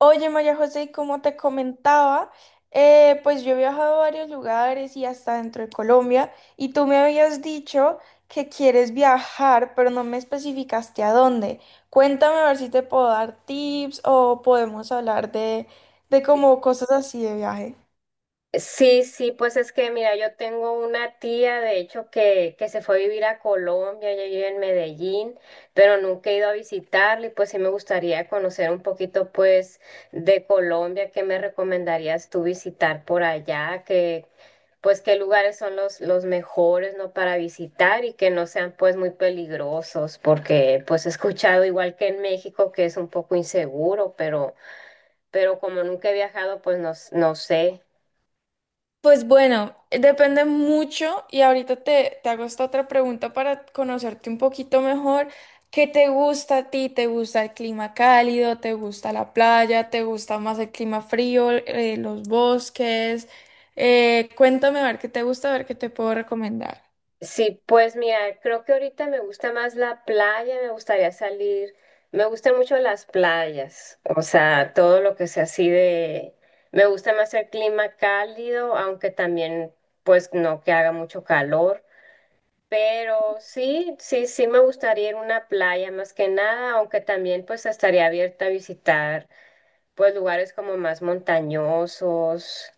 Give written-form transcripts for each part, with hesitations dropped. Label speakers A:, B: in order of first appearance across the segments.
A: Oye, María José, y como te comentaba, pues yo he viajado a varios lugares y hasta dentro de Colombia, y tú me habías dicho que quieres viajar, pero no me especificaste a dónde. Cuéntame a ver si te puedo dar tips o podemos hablar de como cosas así de viaje.
B: Sí, sí, pues es que mira, yo tengo una tía, de hecho, que se fue a vivir a Colombia, ella vive en Medellín, pero nunca he ido a visitarla y pues sí me gustaría conocer un poquito pues de Colombia. ¿Qué me recomendarías tú visitar por allá? Que pues qué lugares son los mejores, ¿no? Para visitar y que no sean pues muy peligrosos, porque pues he escuchado igual que en México que es un poco inseguro, pero como nunca he viajado, pues no, no sé.
A: Pues bueno, depende mucho y ahorita te hago esta otra pregunta para conocerte un poquito mejor. ¿Qué te gusta a ti? ¿Te gusta el clima cálido? ¿Te gusta la playa? ¿Te gusta más el clima frío? ¿Los bosques? Cuéntame a ver qué te gusta, a ver qué te puedo recomendar.
B: Sí, pues mira, creo que ahorita me gusta más la playa, me gustaría salir, me gustan mucho las playas, o sea, todo lo que sea así de, me gusta más el clima cálido, aunque también pues no que haga mucho calor, pero sí, sí, sí me gustaría ir a una playa más que nada, aunque también pues estaría abierta a visitar pues lugares como más montañosos,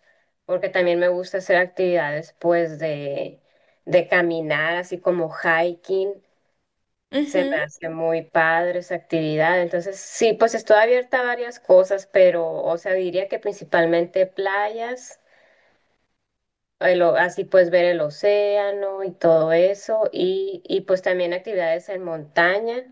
B: porque también me gusta hacer actividades pues de caminar, así como hiking, se me
A: Ujú.
B: hace muy padre esa actividad. Entonces, sí, pues estoy abierta a varias cosas, pero, o sea, diría que principalmente playas. Así pues ver el océano y todo eso, y pues también actividades en montaña.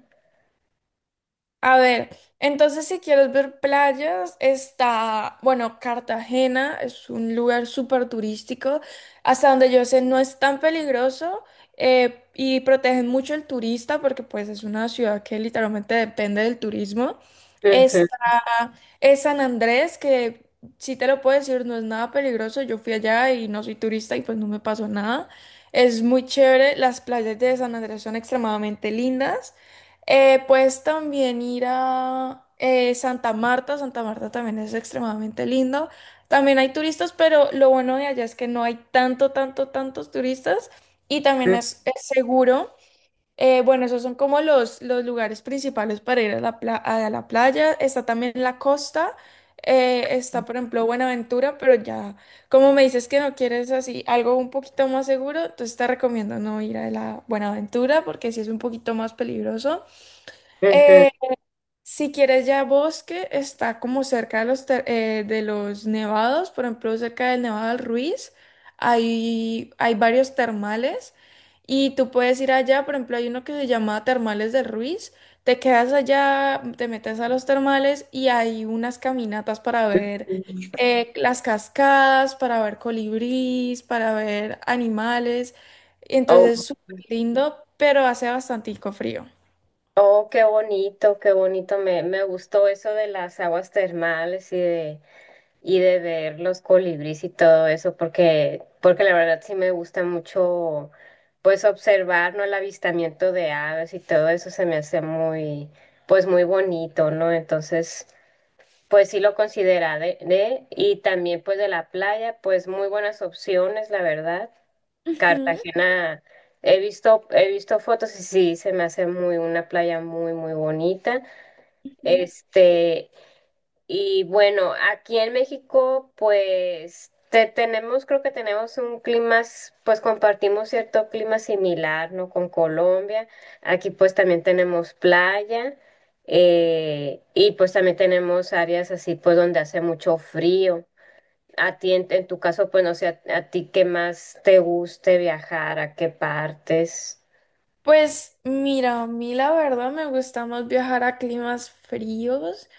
A: A ver, entonces si quieres ver playas, está, bueno, Cartagena es un lugar súper turístico, hasta donde yo sé no es tan peligroso, y protegen mucho al turista porque pues es una ciudad que literalmente depende del turismo.
B: Ujú,
A: Es San Andrés, que si te lo puedo decir, no es nada peligroso. Yo fui allá y no soy turista y pues no me pasó nada. Es muy chévere. Las playas de San Andrés son extremadamente lindas. Puedes también ir a Santa Marta. Santa Marta también es extremadamente lindo. También hay turistas, pero lo bueno de allá es que no hay tanto, tanto, tantos turistas y también
B: ujú,
A: es seguro. Bueno, esos son como los lugares principales para ir a la, a la playa. Está también la costa. Está, por ejemplo, Buenaventura, pero ya, como me dices que no quieres así algo un poquito más seguro, entonces te recomiendo no ir a la Buenaventura porque sí es un poquito más peligroso. Eh, si quieres ya bosque, está como cerca de de los nevados, por ejemplo, cerca del Nevado del Ruiz, hay varios termales y tú puedes ir allá, por ejemplo, hay uno que se llama Termales del Ruiz, te quedas allá, te metes a los termales y hay unas caminatas para ver
B: ujú.
A: las cascadas, para ver colibríes, para ver animales, entonces
B: O
A: es súper lindo, pero hace bastantico frío.
B: Oh, qué bonito, qué bonito. Me gustó eso de las aguas termales y de ver los colibríes y todo eso, porque, porque la verdad sí me gusta mucho, pues, observar, ¿no? El avistamiento de aves y todo eso se me hace muy, pues, muy bonito, ¿no? Entonces, pues sí lo consideraré. Y también, pues, de la playa, pues, muy buenas opciones, la verdad.
A: Ujú,
B: Cartagena, he visto fotos y sí, se me hace muy una playa muy, muy bonita.
A: ujú.
B: Este, y bueno, aquí en México, pues tenemos, creo que tenemos un clima, pues compartimos cierto clima similar, ¿no? Con Colombia. Aquí pues también tenemos playa, y pues también tenemos áreas así, pues donde hace mucho frío. A ti, en tu caso, pues no sé, a ti qué más te guste viajar, a qué partes.
A: Pues mira, a mí la verdad me gusta más viajar a climas fríos,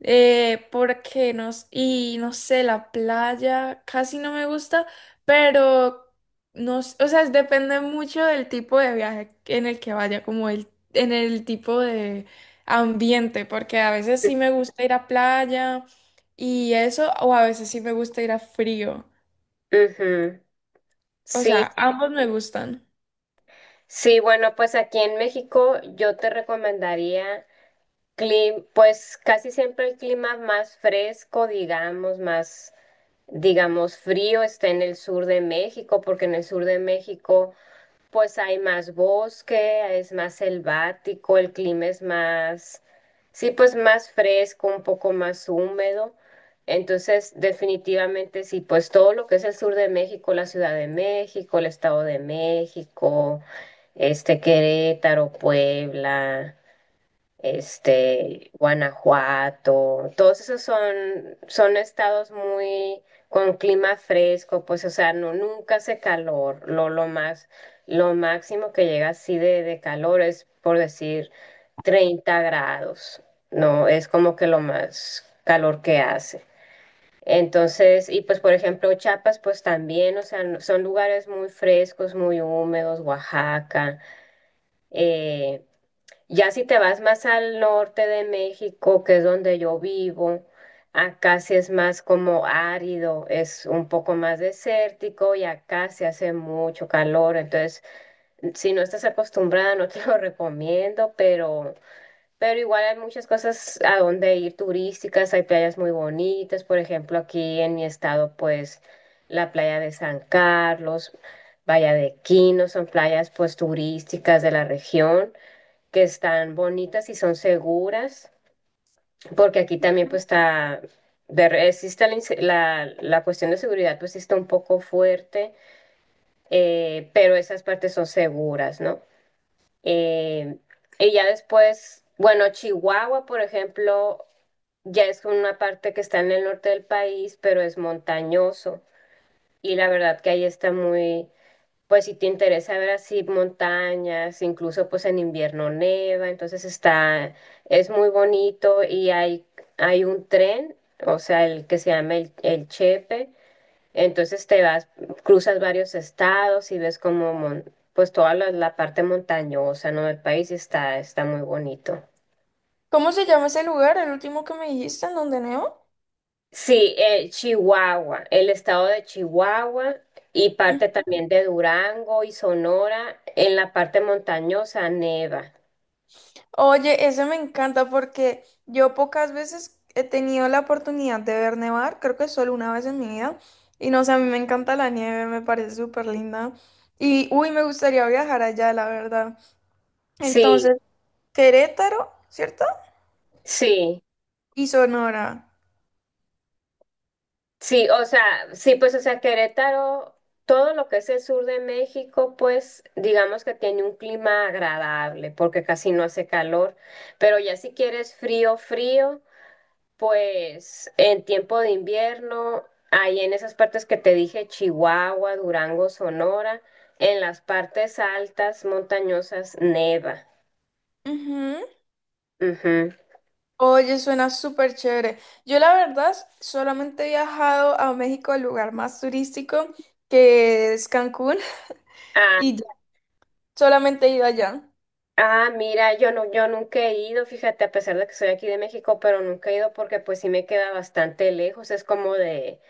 A: porque y no sé, la playa casi no me gusta, pero no, s- o sea, depende mucho del tipo de viaje en el que vaya, como el, en el tipo de ambiente, porque a veces sí me gusta ir a playa y eso, o a veces sí me gusta ir a frío.
B: Ujú.
A: O
B: Sí,
A: sea,
B: sí,
A: ambos me gustan.
B: sí, bueno, pues aquí en México yo te recomendaría pues casi siempre el clima más fresco, digamos, más, digamos, frío está en el sur de México, porque en el sur de México pues hay más bosque, es más selvático, el clima es más, sí, pues más fresco, un poco más húmedo. Entonces, definitivamente sí, pues todo lo que es el sur de México, la Ciudad de México, el Estado de México, este Querétaro, Puebla, este, Guanajuato, todos esos son, son estados muy con clima fresco, pues, o sea, no, nunca hace calor, lo más, lo máximo que llega así de calor es, por decir, 30 grados, no, es como que lo más calor que hace. Entonces, y pues por ejemplo Chiapas, pues también, o sea, son lugares muy frescos, muy húmedos, Oaxaca, eh, ya si te vas más al norte de México, que es donde yo vivo, acá sí es más como árido, es un poco más desértico y acá se hace mucho calor. Entonces, si no estás acostumbrada, no te lo recomiendo, pero igual hay muchas cosas a donde ir turísticas, hay playas muy bonitas. Por ejemplo, aquí en mi estado, pues la playa de San Carlos, Playa de Quino, son playas pues turísticas de la región que están bonitas y son seguras, porque aquí también pues está, de, existe la, la cuestión de seguridad, pues sí está un poco fuerte, pero esas partes son seguras, ¿no? Eh, y ya después, bueno, Chihuahua, por ejemplo, ya es una parte que está en el norte del país, pero es montañoso. Y la verdad que ahí está muy, pues si te interesa ver así montañas, incluso pues en invierno neva, entonces está, es muy bonito y hay un tren, o sea, el que se llama el Chepe, entonces te vas, cruzas varios estados y ves como pues toda la parte montañosa, ¿no?, del país y está, está muy bonito.
A: ¿Cómo se llama ese lugar, el último que me dijiste, en donde neo?
B: Sí, Chihuahua, el estado de Chihuahua y parte también de Durango y Sonora, en la parte montañosa neva.
A: Oye, eso me encanta porque yo pocas veces he tenido la oportunidad de ver nevar, creo que solo una vez en mi vida. Y no sé, a mí me encanta la nieve, me parece súper linda. Y uy, me gustaría viajar allá, la verdad.
B: Sí,
A: Entonces, Querétaro, ¿cierto?
B: sí,
A: Y Sonora.
B: sí, o sea, sí, pues, o sea, Querétaro, todo lo que es el sur de México, pues, digamos que tiene un clima agradable, porque casi no hace calor, pero ya si quieres frío, frío, pues, en tiempo de invierno, ahí en esas partes que te dije, Chihuahua, Durango, Sonora, en las partes altas, montañosas, neva.
A: Ujú.
B: Ujú.
A: Oye, suena súper chévere. Yo la verdad solamente he viajado a México, al lugar más turístico, que es Cancún,
B: Ah,
A: y ya, solamente he ido allá.
B: Ah, mira, yo no, yo nunca he ido, fíjate, a pesar de que soy aquí de México, pero nunca he ido porque pues sí me queda bastante lejos, es como de,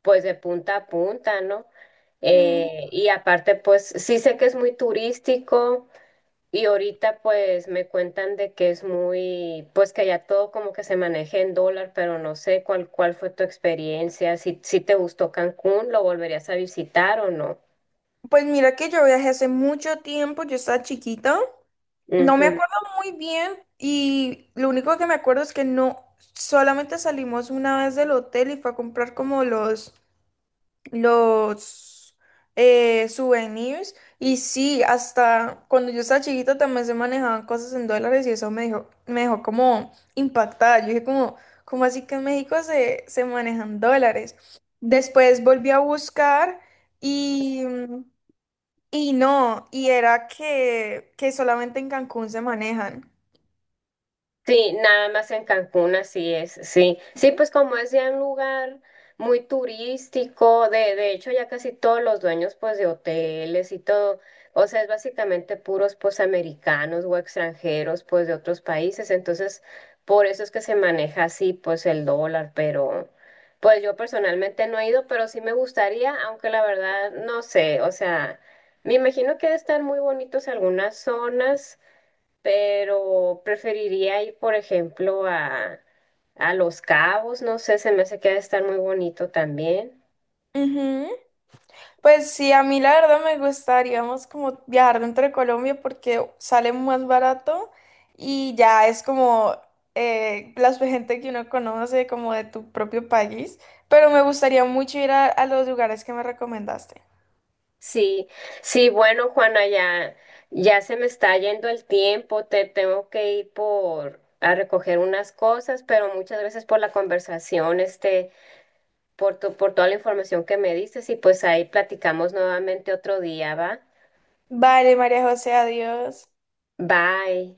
B: pues de punta a punta, ¿no? Y aparte, pues sí sé que es muy turístico y ahorita pues me cuentan de que es muy, pues que ya todo como que se maneja en dólar, pero no sé cuál, cuál fue tu experiencia, si, si te gustó Cancún, ¿lo volverías a visitar o no?
A: Pues mira que yo viajé hace mucho tiempo, yo estaba chiquita, no me acuerdo muy bien y lo único que me acuerdo es que no, solamente salimos una vez del hotel y fue a comprar como los souvenirs y sí, hasta cuando yo estaba chiquita también se manejaban cosas en dólares y eso me dejó como impactada, yo dije como, ¿cómo así que en México se manejan dólares? Después volví a buscar y... y no, y era que solamente en Cancún se manejan.
B: Sí, nada más en Cancún, así es, sí. Sí, pues como decía, un lugar muy turístico, de hecho ya casi todos los dueños pues de hoteles y todo, o sea, es básicamente puros pues americanos o extranjeros pues de otros países, entonces por eso es que se maneja así pues el dólar, pero pues yo personalmente no he ido, pero sí me gustaría, aunque la verdad no sé, o sea, me imagino que deben estar muy bonitos algunas zonas, pero preferiría ir, por ejemplo, a Los Cabos, no sé, se me hace que ha de estar muy bonito también.
A: Ujú. Pues sí, a mí la verdad me gustaría más como viajar dentro de Colombia porque sale más barato y ya es como la gente que uno conoce como de tu propio país, pero me gustaría mucho ir a los lugares que me recomendaste.
B: Sí, sí, bueno, Juana, ya, ya se me está yendo el tiempo, te tengo que ir por a recoger unas cosas, pero muchas gracias por la conversación, este, por tu, por toda la información que me diste, y pues ahí platicamos nuevamente otro día, ¿va?
A: Vale, María José, adiós.
B: Bye.